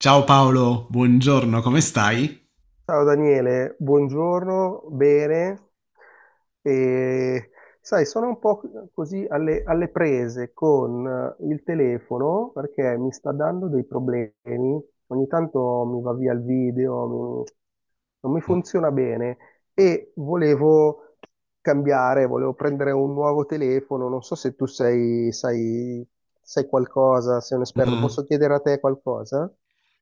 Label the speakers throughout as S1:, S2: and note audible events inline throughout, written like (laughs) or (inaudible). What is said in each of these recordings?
S1: Ciao Paolo, buongiorno, come stai?
S2: Ciao Daniele, buongiorno, bene. E, Sai, sono un po' così alle prese con il telefono perché mi sta dando dei problemi. Ogni tanto mi va via il video, non mi
S1: Mm.
S2: funziona bene e volevo cambiare, volevo prendere un nuovo telefono. Non so se sai qualcosa, sei un esperto,
S1: Mm.
S2: posso chiedere a te qualcosa?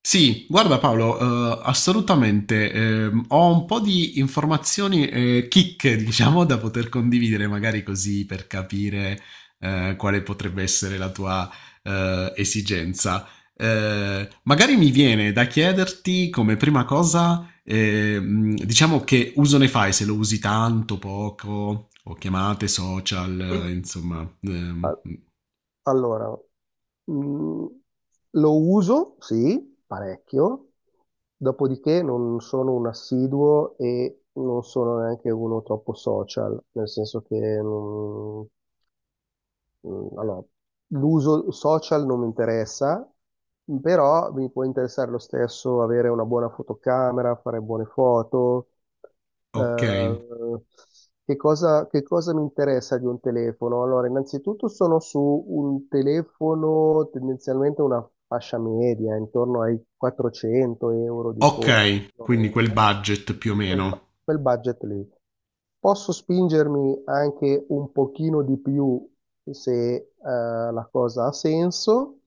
S1: Sì, guarda Paolo, assolutamente. Ho un po' di informazioni, chicche, diciamo, da poter condividere, magari così per capire quale potrebbe essere la tua esigenza. Magari mi viene da chiederti come prima cosa, diciamo che uso ne fai, se lo usi tanto, poco, o chiamate social, insomma.
S2: Allora, mh, lo uso, sì, parecchio, dopodiché non sono un assiduo e non sono neanche uno troppo social, nel senso che non, Mm, allora, l'uso social non mi interessa, però mi può interessare lo stesso avere una buona fotocamera, fare buone foto.
S1: Ok,
S2: Eh, che cosa mi interessa di un telefono? Allora, innanzitutto sono su un telefono tendenzialmente una fascia media, intorno ai 400 euro di costo.
S1: ok,
S2: Più o
S1: quindi
S2: meno
S1: quel budget più o
S2: quel, bu-
S1: meno.
S2: quel budget lì. Posso spingermi anche un pochino di più se la cosa ha senso.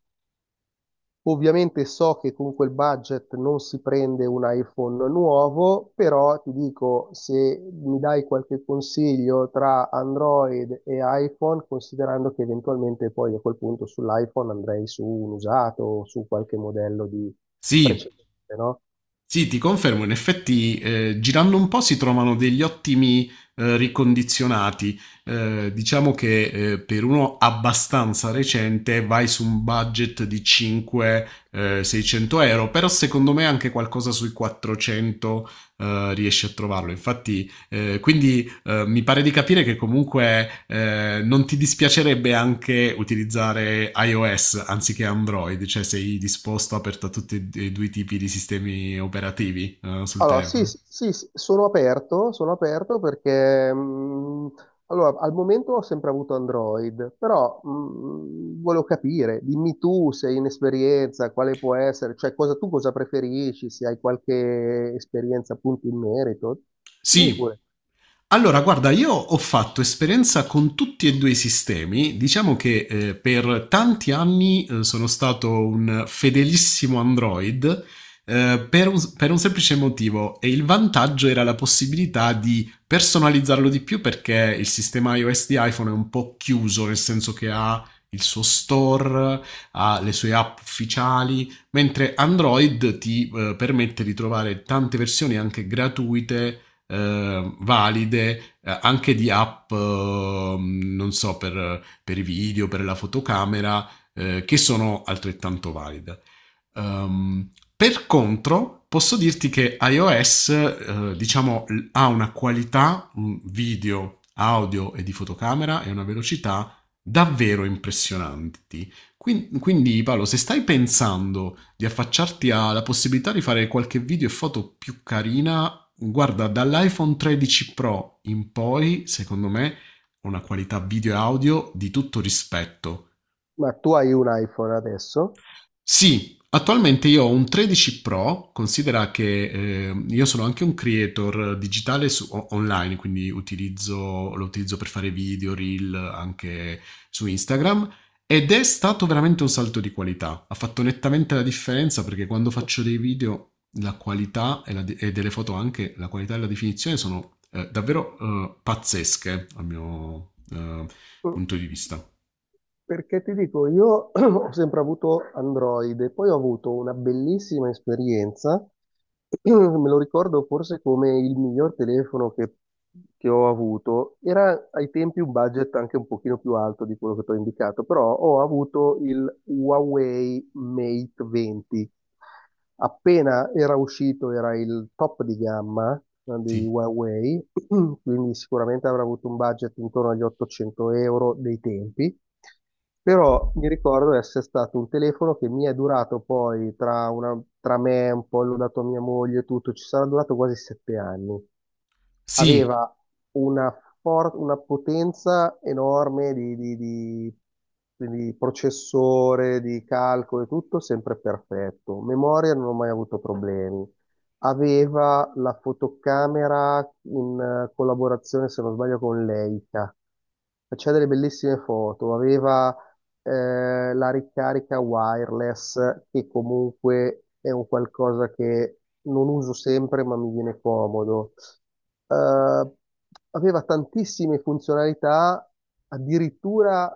S2: Ovviamente so che con quel budget non si prende un iPhone nuovo, però ti dico, se mi dai qualche consiglio tra Android e iPhone, considerando che eventualmente poi a quel punto sull'iPhone andrei su un usato o su qualche modello di
S1: Sì.
S2: precedente, no?
S1: Sì, ti confermo, in effetti girando un po' si trovano degli ottimi ricondizionati. Diciamo che per uno abbastanza recente vai su un budget di 5-600 euro, però secondo me anche qualcosa sui 400 riesci a trovarlo. Infatti, quindi mi pare di capire che comunque non ti dispiacerebbe anche utilizzare iOS anziché Android, cioè sei disposto, aperto a tutti e due i tipi di sistemi operativi sul
S2: Allora, sì,
S1: telefono.
S2: sì, sì, sì, sono aperto perché allora, al momento ho sempre avuto Android, però volevo capire, dimmi tu se hai un'esperienza, quale può essere, tu cosa preferisci, se hai qualche esperienza appunto in merito. Dimmi
S1: Sì.
S2: pure.
S1: Allora, guarda, io ho fatto esperienza con tutti e due i sistemi. Diciamo che per tanti anni sono stato un fedelissimo Android per un semplice motivo, e il vantaggio era la possibilità di personalizzarlo di più perché il sistema iOS di iPhone è un po' chiuso, nel senso che ha il suo store, ha le sue app ufficiali, mentre Android ti permette di trovare tante versioni anche gratuite, valide, anche di app, non so, per i video, per la fotocamera, che sono altrettanto valide. Per contro, posso dirti che iOS, diciamo, ha una qualità, un video, audio e di fotocamera, e una velocità davvero impressionanti. Quindi Paolo, se stai pensando di affacciarti alla possibilità di fare qualche video e foto più carina, guarda, dall'iPhone 13 Pro in poi, secondo me, una qualità video e audio di tutto rispetto.
S2: Ma tu hai un iPhone adesso?
S1: Sì, attualmente io ho un 13 Pro, considera che io sono anche un creator digitale online, quindi lo utilizzo per fare video, reel, anche su Instagram, ed è stato veramente un salto di qualità. Ha fatto nettamente la differenza perché quando
S2: Mm,
S1: faccio dei video la qualità e delle foto anche, la qualità e la definizione sono davvero pazzesche, a mio
S2: mm.
S1: punto di vista.
S2: Perché ti dico, io (clears throat) ho sempre avuto Android e poi ho avuto una bellissima esperienza, (clears throat) me lo ricordo forse come il miglior telefono che ho avuto, era ai tempi un budget anche un pochino più alto di quello che ti ho indicato, però ho avuto il Huawei Mate 20 appena era uscito, era il top di gamma di
S1: Sì.
S2: Huawei, (clears throat) quindi sicuramente avrà avuto un budget intorno agli 800 euro dei tempi, però mi ricordo essere stato un telefono che mi è durato poi tra me, un po' l'ho dato a mia moglie e tutto, ci sarà durato quasi 7 anni.
S1: Sì,
S2: Aveva una, una potenza enorme di processore, di calcolo e tutto, sempre perfetto. Memoria non ho mai avuto problemi. Aveva la fotocamera in collaborazione, se non sbaglio, con Leica. Faceva delle bellissime foto, aveva la ricarica wireless, che comunque è un qualcosa che non uso sempre, ma mi viene comodo. Eh, Aveva tantissime funzionalità, addirittura,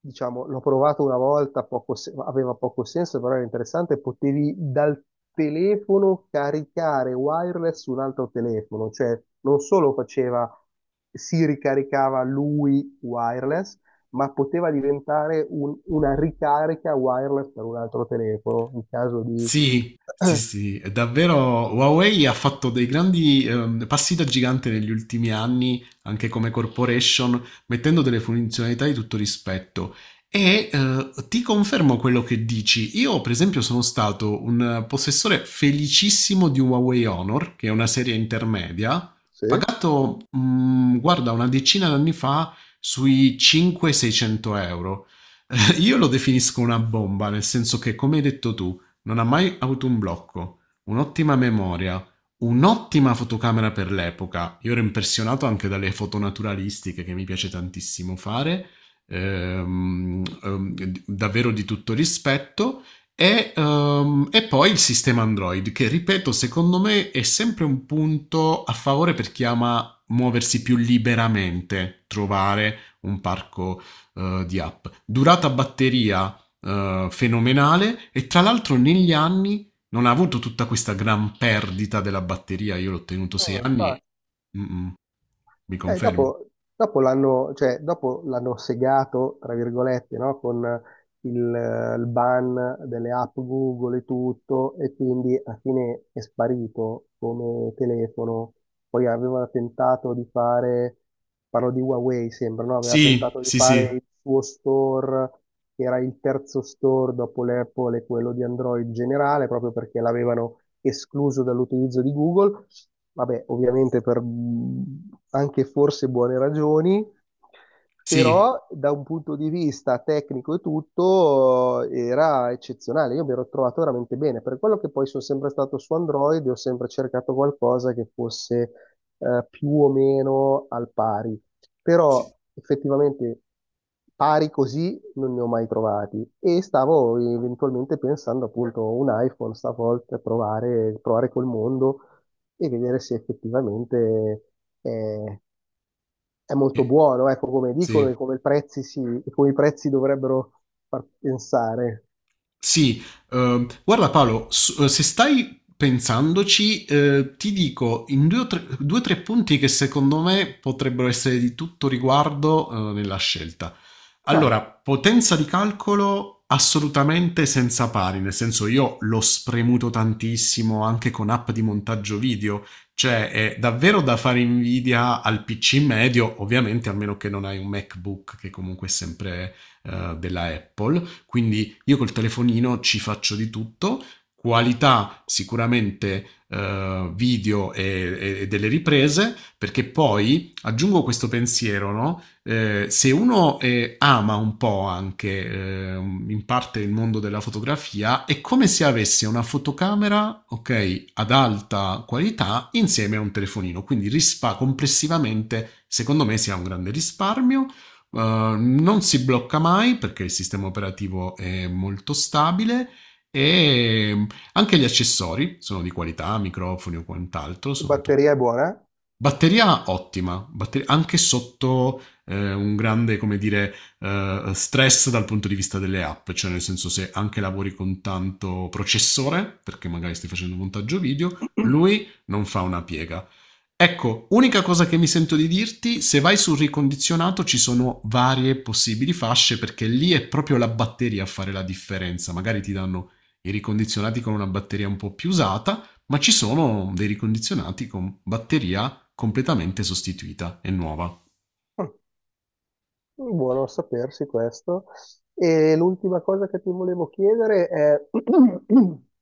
S2: diciamo, l'ho provato una volta, poco se- aveva poco senso, però era interessante, potevi dal telefono caricare wireless su un altro telefono, cioè non solo faceva, si ricaricava lui wireless, ma poteva diventare una ricarica wireless per un altro telefono in caso di...
S1: sì, sì, sì, è davvero, Huawei ha fatto dei grandi passi da gigante negli ultimi anni, anche come corporation, mettendo delle funzionalità di tutto rispetto. E ti confermo quello che dici. Io, per esempio, sono stato un possessore felicissimo di un Huawei Honor, che è una serie intermedia,
S2: Sì?
S1: pagato, guarda, una decina d'anni fa sui 5-600 euro. (laughs) Io lo definisco una bomba, nel senso che, come hai detto tu, non ha mai avuto un blocco, un'ottima memoria, un'ottima fotocamera per l'epoca. Io ero impressionato anche dalle foto naturalistiche che mi piace tantissimo fare, davvero di tutto rispetto. E poi il sistema Android, che ripeto, secondo me è sempre un punto a favore per chi ama muoversi più liberamente, trovare un parco di app. Durata batteria fenomenale, e tra l'altro negli anni non ha avuto tutta questa gran perdita della batteria. Io l'ho tenuto sei
S2: No,
S1: anni.
S2: infatti.
S1: Mm, mm, mi
S2: Eh,
S1: confermi?
S2: dopo dopo l'hanno, cioè, dopo l'hanno segato, tra virgolette, no? Con il, il ban delle app Google e tutto, e quindi alla fine è sparito come telefono. Poi aveva tentato di fare, parlo di Huawei sembra, no? Aveva
S1: Sì,
S2: tentato di
S1: sì,
S2: fare
S1: sì,
S2: il suo store, che era il terzo store dopo l'Apple e quello di Android generale, proprio perché l'avevano escluso dall'utilizzo di Google. Vabbè, ovviamente per anche forse buone ragioni,
S1: sì,
S2: però da un punto di vista tecnico e tutto era eccezionale, io mi ero trovato veramente bene, per quello che poi sono sempre stato su Android, e ho sempre cercato qualcosa che fosse più o meno al pari, però
S1: sì,
S2: effettivamente pari così non ne ho mai trovati, e stavo eventualmente pensando appunto un iPhone stavolta provare, col mondo e vedere se effettivamente... eh, è molto
S1: eh,
S2: buono, ecco, come dicono
S1: sì.
S2: e come, il prezzi si, e come i prezzi dovrebbero far pensare.
S1: Sì, guarda Paolo, se stai pensandoci, ti dico in due o tre punti che secondo me potrebbero essere di tutto riguardo, nella scelta.
S2: Vai,
S1: Allora, potenza di calcolo assolutamente senza pari, nel senso io l'ho spremuto tantissimo anche con app di montaggio video, cioè è davvero da fare invidia al PC medio, ovviamente a meno che non hai un MacBook che comunque è sempre della Apple, quindi io col telefonino ci faccio di tutto, qualità sicuramente video e delle riprese, perché poi aggiungo questo pensiero, no? Se uno ama un po' anche in parte il mondo della fotografia, è come se avesse una fotocamera, ok, ad alta qualità insieme a un telefonino. Quindi rispa complessivamente, secondo me, sia un grande risparmio. Non si blocca mai perché il sistema operativo è molto stabile e, anche gli accessori sono di qualità, microfoni o quant'altro, sono tutti.
S2: batteria è buona?
S1: Batteria ottima, anche sotto un grande, come dire, stress dal punto di vista delle app, cioè nel senso se anche lavori con tanto processore, perché magari stai facendo un montaggio video, lui non fa una piega. Ecco, unica cosa che mi sento di dirti, se vai sul ricondizionato ci sono varie possibili fasce perché lì è proprio la batteria a fare la differenza, magari ti danno i ricondizionati con una batteria un po' più usata, ma ci sono dei ricondizionati con batteria completamente sostituita e nuova.
S2: Eh? Mm, buono a sapersi questo. E l'ultima cosa che ti volevo chiedere è (clears throat)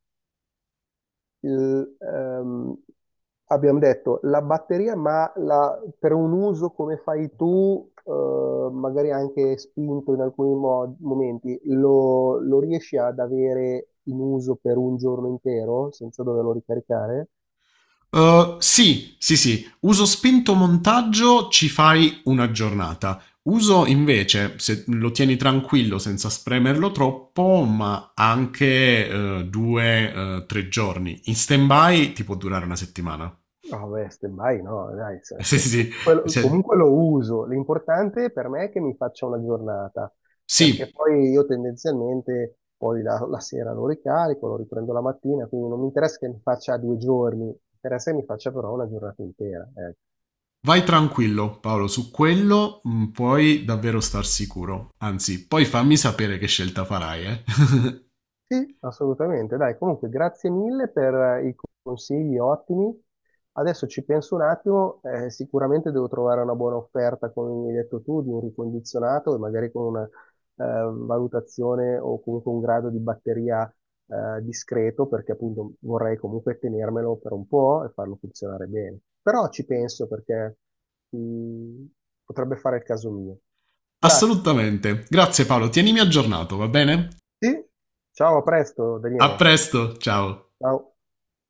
S2: il, ehm, abbiamo detto la batteria, ma per un uso come fai tu, magari anche spinto in alcuni momenti, lo riesci ad avere in uso per un giorno intero senza doverlo ricaricare?
S1: Sì, sì, sì, uso spinto, montaggio, ci fai una giornata. Uso invece, se lo tieni tranquillo senza spremerlo troppo, ma anche due, tre giorni. In stand-by ti può durare una settimana. (laughs)
S2: No, beh, stand by no, dai,
S1: Sì,
S2: cioè,
S1: sì, sì.
S2: quello-
S1: Se-
S2: comunque lo uso. L'importante per me è che mi faccia una giornata, perché
S1: sì,
S2: poi io tendenzialmente poi la sera lo ricarico, lo riprendo la mattina, quindi non mi interessa che mi faccia due giorni, mi interessa che mi faccia però una giornata intera. Eh.
S1: vai tranquillo, Paolo, su quello puoi davvero star sicuro. Anzi, poi fammi sapere che scelta farai, eh. (laughs)
S2: Sì, assolutamente. Dai, comunque grazie mille per i consigli ottimi. Adesso ci penso un attimo, sicuramente devo trovare una buona offerta, come mi hai detto tu, di un ricondizionato e magari con una valutazione o comunque un grado di batteria discreto, perché appunto vorrei comunque tenermelo per un po' e farlo funzionare bene. Però ci penso perché mm, potrebbe fare il caso mio. Grazie.
S1: Assolutamente. Grazie Paolo, tienimi aggiornato, va bene?
S2: Sì? Ciao, a presto,
S1: A
S2: Daniele.
S1: presto, ciao.
S2: Ciao.